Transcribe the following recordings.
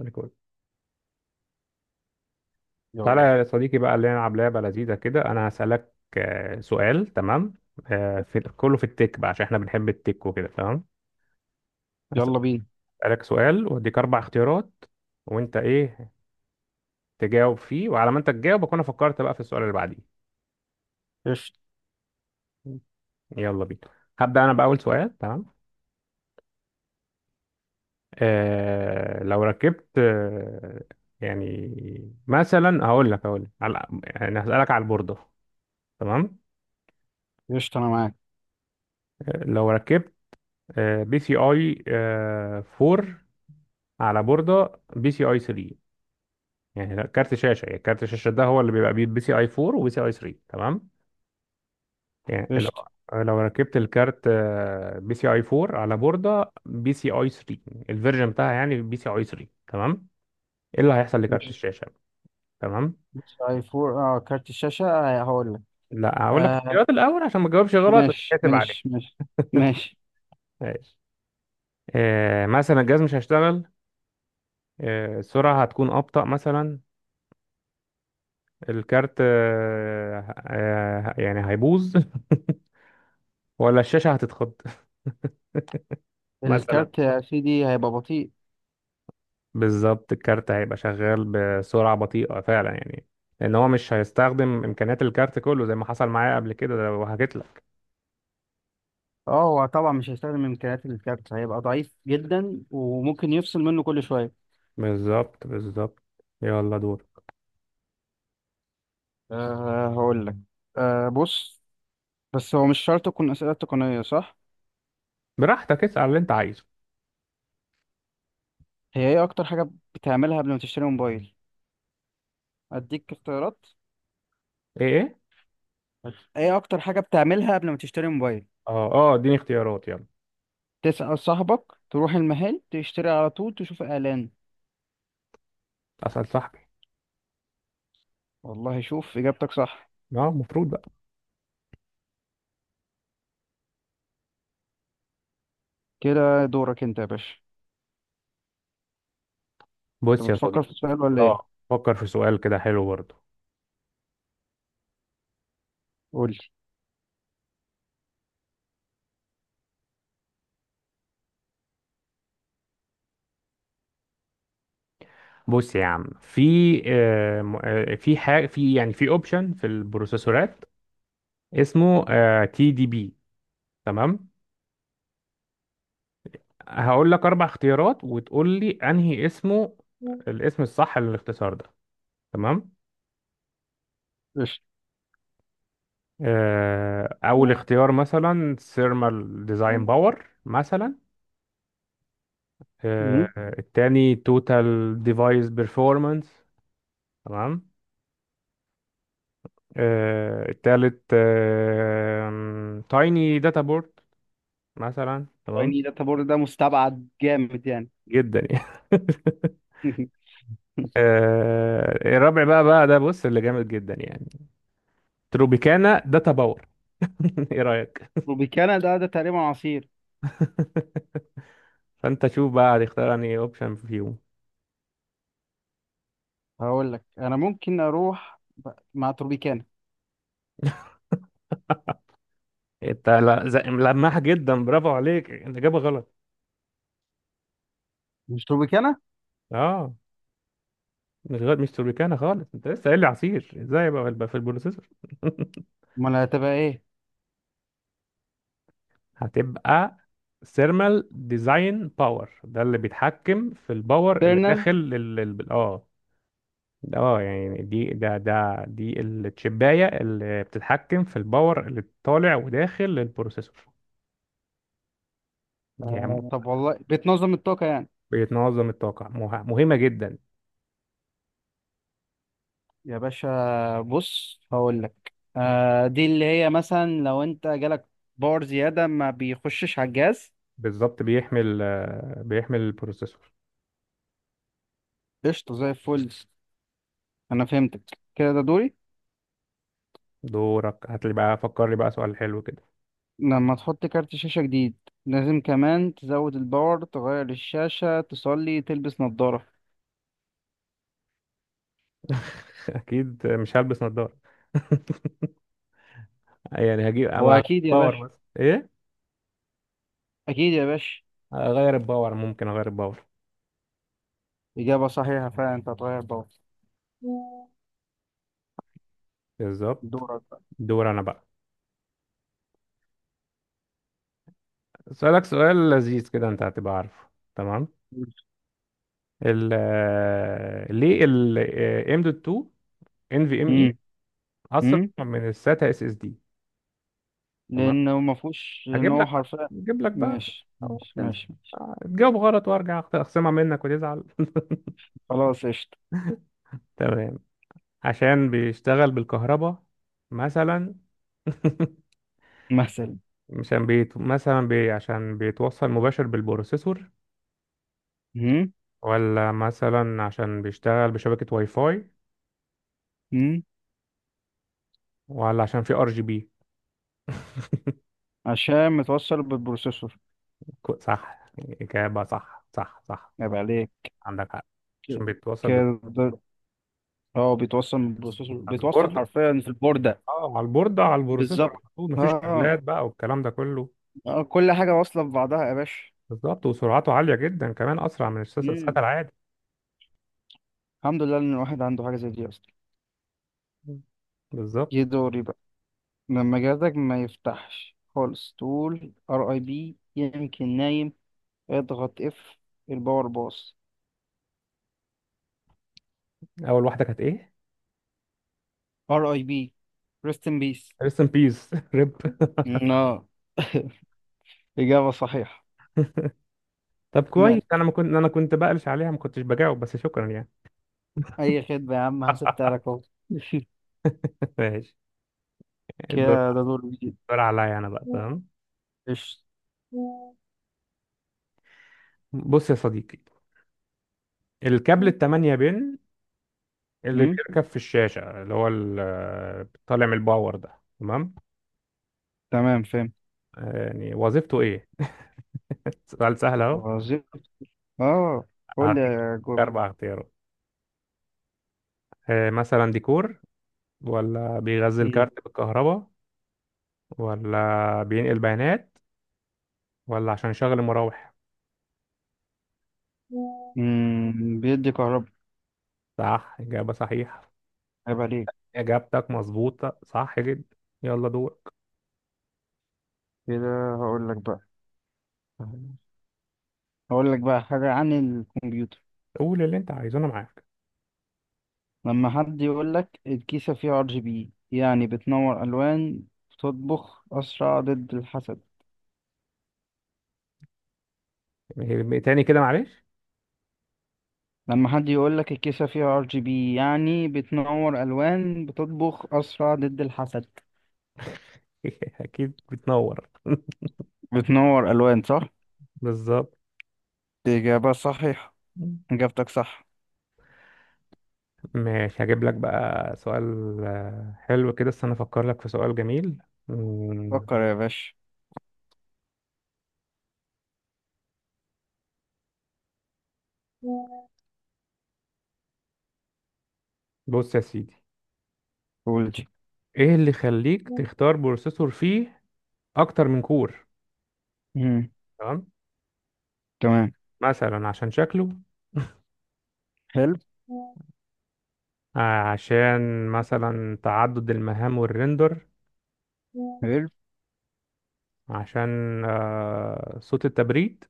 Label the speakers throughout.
Speaker 1: ريكورد. تعالى
Speaker 2: يلا
Speaker 1: يا صديقي بقى اللي نلعب لعبة لذيذة كده. أنا هسألك سؤال. تمام. في كله في التك بقى عشان احنا بنحب التك وكده. تمام.
Speaker 2: يلا بينا.
Speaker 1: هسألك سؤال وأديك أربع اختيارات، وأنت إيه تجاوب فيه، وعلى ما أنت تجاوب أكون أنا فكرت بقى في السؤال اللي بعديه.
Speaker 2: قشطة
Speaker 1: يلا بينا. هبدأ أنا بأول سؤال. تمام. لو ركبت يعني مثلا هقول لك على يعني هسألك على البوردة. تمام.
Speaker 2: قشطة أنا معاك.
Speaker 1: لو ركبت بي سي اي 4 على بوردة بي سي اي 3. يعني لا، كارت شاشة. يعني كارت الشاشة ده هو اللي بيبقى بي سي اي 4 وبي سي اي 3. تمام. يعني لو
Speaker 2: قشطة
Speaker 1: لو ركبت الكارت بي سي اي 4 على بوردة بي سي اي 3، الفيرجن بتاعها يعني بي سي اي 3. تمام. ايه اللي هيحصل لكارت
Speaker 2: قشطة
Speaker 1: الشاشة؟ تمام.
Speaker 2: قشطة، أي فور. كارت الشاشة، هقول لك.
Speaker 1: لا، هقول لك
Speaker 2: آه
Speaker 1: الاختيارات الاول عشان ما تجاوبش غلط
Speaker 2: ماشي
Speaker 1: وتتحاسب عليك.
Speaker 2: ماشي ماشي ماشي
Speaker 1: ماشي. مثلا الجهاز مش هيشتغل. السرعة هتكون أبطأ مثلا. الكارت يعني هيبوظ. ولا الشاشة هتتخض مثلا.
Speaker 2: الكارت يا سيدي هيبقى بطيء.
Speaker 1: بالظبط، الكارت هيبقى شغال بسرعة بطيئة فعلا يعني، لأن هو مش هيستخدم إمكانيات الكارت كله زي ما حصل معايا قبل كده ده وحكيت لك.
Speaker 2: أه، هو طبعا مش هيستخدم إمكانيات الكارت، هيبقى ضعيف جدا وممكن يفصل منه كل شوية.
Speaker 1: بالظبط، بالظبط. يلا دور.
Speaker 2: هقول لك. بص، بس هو مش شرط تكون أسئلة تقنية صح؟
Speaker 1: براحتك، اسأل اللي أنت عايزه.
Speaker 2: هي إيه أكتر حاجة بتعملها قبل ما تشتري موبايل؟ أديك اختيارات.
Speaker 1: إيه إيه؟
Speaker 2: إيه أكتر حاجة بتعملها قبل ما تشتري موبايل؟
Speaker 1: أه أه، إديني اختيارات يلا.
Speaker 2: تسأل صاحبك، تروح المحل تشتري على طول، تشوف إعلان.
Speaker 1: أسأل صاحبي.
Speaker 2: والله شوف إجابتك صح.
Speaker 1: أه، المفروض بقى.
Speaker 2: كده دورك أنت يا باشا.
Speaker 1: بص
Speaker 2: أنت
Speaker 1: يا
Speaker 2: بتفكر
Speaker 1: صديقي.
Speaker 2: في السؤال ولا
Speaker 1: أه،
Speaker 2: إيه؟
Speaker 1: فكر في سؤال كده حلو برضه.
Speaker 2: قول لي.
Speaker 1: بص يا عم، في في حاجة في يعني في أوبشن في البروسيسورات اسمه تي دي بي. تمام. هقول لك اربع اختيارات وتقول لي انهي اسمه، الاسم الصح للاختصار ده. تمام.
Speaker 2: قشطة.
Speaker 1: اول اختيار مثلا ثيرمال ديزاين باور مثلا. آه،
Speaker 2: مم.
Speaker 1: التاني توتال ديفايس بيرفورمانس. تمام. التالت تايني داتا بورد مثلا. تمام
Speaker 2: يعني داتا بورد ده مستبعد جامد يعني.
Speaker 1: جدا يعني. الرابع بقى ده بص اللي جامد جدا يعني، تروبيكانا داتا باور. ايه رأيك؟
Speaker 2: روبيكانا ده تقريبا عصير.
Speaker 1: فانت شوف بقى هتختار انهي اوبشن فيهم.
Speaker 2: هقول لك أنا ممكن أروح مع تروبيكانا،
Speaker 1: انت ملمح جدا، برافو عليك. الاجابه غلط.
Speaker 2: مش روبيكانا.
Speaker 1: اه، مش غلط. مش توربيكانا خالص، انت لسه قايل لي عصير، ازاي بقى يبقى في البروسيسور.
Speaker 2: أمال هتبقى إيه؟
Speaker 1: هتبقى ثيرمال ديزاين باور ده اللي بيتحكم في الباور اللي
Speaker 2: تيرنال.
Speaker 1: داخل. يعني دي ده ده دي التشبايه اللي بتتحكم في الباور اللي طالع وداخل للبروسيسور يعني
Speaker 2: آه طب
Speaker 1: آه.
Speaker 2: والله بتنظم الطاقة يعني.
Speaker 1: بيتنظم الطاقه. مهمه جدا.
Speaker 2: يا باشا بص هقول لك، آه دي اللي هي مثلا لو انت جالك باور زيادة ما بيخشش على الجهاز.
Speaker 1: بالظبط. بيحمل البروسيسور.
Speaker 2: قشطة زي الفل. انا فهمتك. كده ده دوري.
Speaker 1: دورك، هات لي بقى، فكر لي بقى سؤال حلو كده.
Speaker 2: لما تحط كارت شاشة جديد لازم كمان تزود الباور، تغير الشاشة، تصلي، تلبس نظارة.
Speaker 1: اكيد مش هلبس نظارة. يعني هجيب اما
Speaker 2: هو
Speaker 1: هغير
Speaker 2: اكيد يا
Speaker 1: الباور،
Speaker 2: باشا
Speaker 1: بس ايه.
Speaker 2: اكيد يا باشا
Speaker 1: هغير الباور، ممكن اغير الباور.
Speaker 2: اجابة صحيحة فعلا، انت هتغير باور.
Speaker 1: بالظبط.
Speaker 2: دورك بقى.
Speaker 1: دور انا بقى. سؤالك سؤال لذيذ كده، انت هتبقى عارفه. تمام. ال آه، ليه ال آه، ام دوت 2 ان في ام اي
Speaker 2: امم.
Speaker 1: اسرع
Speaker 2: امم.
Speaker 1: من الساتا اس اس دي؟ تمام.
Speaker 2: لانه ما فيهوش، لان
Speaker 1: هجيب
Speaker 2: هو
Speaker 1: لك بقى
Speaker 2: حرفيا.
Speaker 1: هجيب لك بقى.
Speaker 2: ماشي.
Speaker 1: تجاوب غلط وارجع اخصمها منك وتزعل.
Speaker 2: خلاص قشطة.
Speaker 1: تمام. عشان بيشتغل بالكهرباء مثلا.
Speaker 2: مثلا.
Speaker 1: عشان بيتوصل مباشر بالبروسيسور.
Speaker 2: مم.
Speaker 1: ولا مثلا عشان بيشتغل بشبكة واي فاي.
Speaker 2: مم.
Speaker 1: ولا عشان في ار جي بي.
Speaker 2: عشان متوصل بالبروسيسور.
Speaker 1: صح، إجابة صح، صح، صح.
Speaker 2: يبقى عليك.
Speaker 1: عندك حق. عشان
Speaker 2: ك-
Speaker 1: بيتوصل
Speaker 2: كده. اه، بيتوصل بالبروسيسور،
Speaker 1: على
Speaker 2: بيتوصل
Speaker 1: البورد،
Speaker 2: حرفيا في البوردة.
Speaker 1: اه على البورد، على البروسيسور
Speaker 2: بالظبط.
Speaker 1: على طول،
Speaker 2: اه.
Speaker 1: مفيش
Speaker 2: آه.
Speaker 1: كابلات بقى والكلام ده كله.
Speaker 2: آه، كل حاجة واصلة ببعضها يا باشا.
Speaker 1: بالظبط. وسرعته عالية جدا كمان، أسرع من السات
Speaker 2: مم.
Speaker 1: العادي.
Speaker 2: الحمد لله ان الواحد عنده حاجة زي دي اصلا.
Speaker 1: بالظبط.
Speaker 2: جه دوري بقى. لما جهازك ما يفتحش خالص تقول ار اي بي يمكن نايم، اضغط اف، الباور باص،
Speaker 1: اول واحده كانت ايه؟
Speaker 2: ار اي بي، ريست ان بيس.
Speaker 1: ريست ان بيس. ريب.
Speaker 2: اه، إجابة صحيحة.
Speaker 1: طب كويس،
Speaker 2: مات.
Speaker 1: انا كنت بقلش عليها، ما كنتش بجاوب، بس شكرا يعني.
Speaker 2: أي خدمة يا عم، هسبتها لك.
Speaker 1: ماشي. الدور
Speaker 2: كده ده دور جديد.
Speaker 1: الدور عليا انا بقى. تمام.
Speaker 2: قشطة.
Speaker 1: بص يا صديقي، الكابل التمانية بين اللي
Speaker 2: أمم،
Speaker 1: بيركب في الشاشة، اللي هو طالع من الباور ده. تمام.
Speaker 2: تمام فاهم.
Speaker 1: يعني وظيفته ايه؟ سؤال سهل اهو.
Speaker 2: وظيفة. اه، قول لي
Speaker 1: هديك
Speaker 2: يا جوب.
Speaker 1: اربع اختيارات. مثلا ديكور، ولا بيغذي
Speaker 2: أمم.
Speaker 1: الكارت بالكهرباء، ولا بينقل بيانات، ولا عشان يشغل المراوح.
Speaker 2: أمم، بيدي كهرباء.
Speaker 1: صح، إجابة صحيحة.
Speaker 2: عيب عليك.
Speaker 1: إجابتك مظبوطة صح جدا. يلا دورك.
Speaker 2: كده هقول لك بقى. هقول لك بقى حاجة عن الكمبيوتر.
Speaker 1: قول اللي أنت عايزه، أنا معاك.
Speaker 2: لما حد يقول لك الكيسة فيها ار جي بي يعني بتنور ألوان، بتطبخ أسرع، ضد الحسد.
Speaker 1: إيه، تاني كده معلش.
Speaker 2: لما حد يقول لك الكيسة فيها ار جي بي يعني بتنور ألوان، بتطبخ أسرع، ضد الحسد.
Speaker 1: أكيد بتنور.
Speaker 2: بتنور ألوان صح؟
Speaker 1: بالظبط.
Speaker 2: إجابة صحيحة. إجابتك صح.
Speaker 1: ماشي، هجيب لك بقى سؤال حلو كده. استنى أفكر لك في سؤال جميل مم،
Speaker 2: فكر يا باشا.
Speaker 1: بص يا سيدي،
Speaker 2: قول دي.
Speaker 1: إيه اللي يخليك تختار بروسيسور فيه أكتر من كور؟
Speaker 2: مم.
Speaker 1: تمام.
Speaker 2: تمام.
Speaker 1: مثلا عشان شكله.
Speaker 2: حلو.
Speaker 1: آه، عشان مثلا تعدد المهام والريندر.
Speaker 2: حلو.
Speaker 1: عشان صوت التبريد.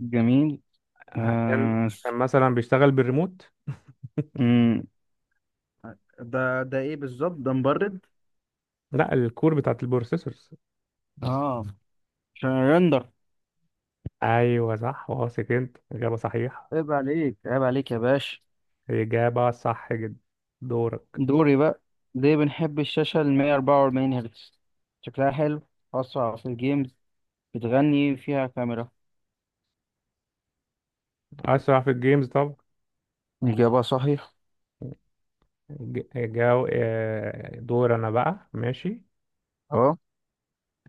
Speaker 2: جميل.
Speaker 1: عشان
Speaker 2: آه.
Speaker 1: عشان مثلا بيشتغل بالريموت.
Speaker 2: مم. ده ايه بالظبط؟ ده مبرد؟
Speaker 1: لا، الكور بتاعت البروسيسورز.
Speaker 2: اه، عشان الرندر.
Speaker 1: ايوه صح، واثق انت، اجابه صحيحه.
Speaker 2: عيب عليك، عيب عليك يا باشا.
Speaker 1: اجابه صح جدا. دورك.
Speaker 2: دوري بقى. ليه بنحب الشاشة ال 144 هرتز؟ شكلها حلو؟ أسرع في الجيمز؟ بتغني فيها كاميرا؟
Speaker 1: اسرع في الجيمز طب.
Speaker 2: إجابة صحيحة.
Speaker 1: ج- جو آه، دور انا بقى. ماشي.
Speaker 2: اه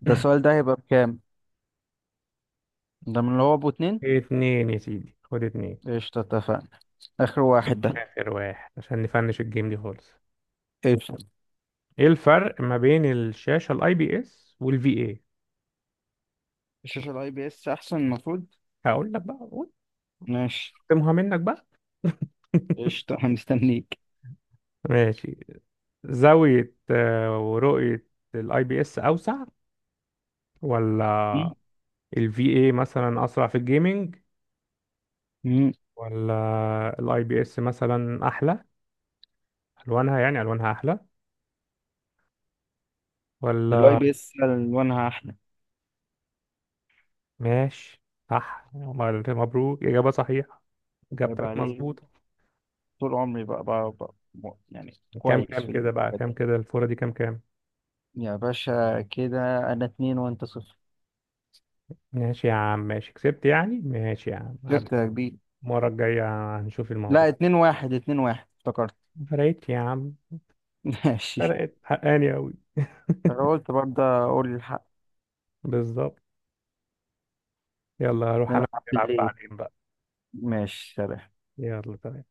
Speaker 2: ده السؤال ده هيبقى بكام؟ ده من اللي هو أبو اتنين؟
Speaker 1: اتنين يا سيدي، خد اتنين.
Speaker 2: قشطة اتفقنا. آخر واحد ده.
Speaker 1: اخر واحد عشان نفنش الجيم دي خالص.
Speaker 2: قشطة.
Speaker 1: ايه الفرق ما بين الشاشه الاي بي اس والفي اي؟
Speaker 2: الشاشة ال IPS أحسن المفروض.
Speaker 1: هقول لك بقى، قول.
Speaker 2: ماشي.
Speaker 1: اختمها منك بقى.
Speaker 2: قشطة أنا مستنيك.
Speaker 1: ماشي. زاوية ورؤية الاي بي اس اوسع؟ ولا
Speaker 2: مم.
Speaker 1: الفي اي مثلا اسرع في الجيمنج؟
Speaker 2: مم.
Speaker 1: ولا الاي بي اس مثلا احلى الوانها، يعني الوانها احلى؟
Speaker 2: الاي
Speaker 1: ولا؟
Speaker 2: بي اس الوانها احلى.
Speaker 1: ماشي. صح، مبروك، اجابة صحيحة.
Speaker 2: هيبقى
Speaker 1: اجابتك
Speaker 2: عليه.
Speaker 1: مظبوطة.
Speaker 2: طول عمري بقى يعني
Speaker 1: كام
Speaker 2: كويس
Speaker 1: كام
Speaker 2: في
Speaker 1: كده بقى،
Speaker 2: الحاجات
Speaker 1: كام
Speaker 2: دي.
Speaker 1: كده الفورة دي، كام كام؟
Speaker 2: يا باشا كده انا اتنين وانت صفر.
Speaker 1: ماشي يا عم، ماشي. كسبت يعني. ماشي يا عم، عاد
Speaker 2: جبت يا كبير.
Speaker 1: المرة الجاية هنشوف
Speaker 2: لا
Speaker 1: الموضوع.
Speaker 2: اتنين واحد افتكرت.
Speaker 1: ما فرقتش يا عم.
Speaker 2: ماشي.
Speaker 1: فرقت حقاني أوي.
Speaker 2: انا قلت برضه اقول الحق.
Speaker 1: بالظبط. يلا، هروح أنا
Speaker 2: نلعب
Speaker 1: ألعب
Speaker 2: بالليل.
Speaker 1: بعدين بقى.
Speaker 2: ماشي سلام.
Speaker 1: يلا تمام.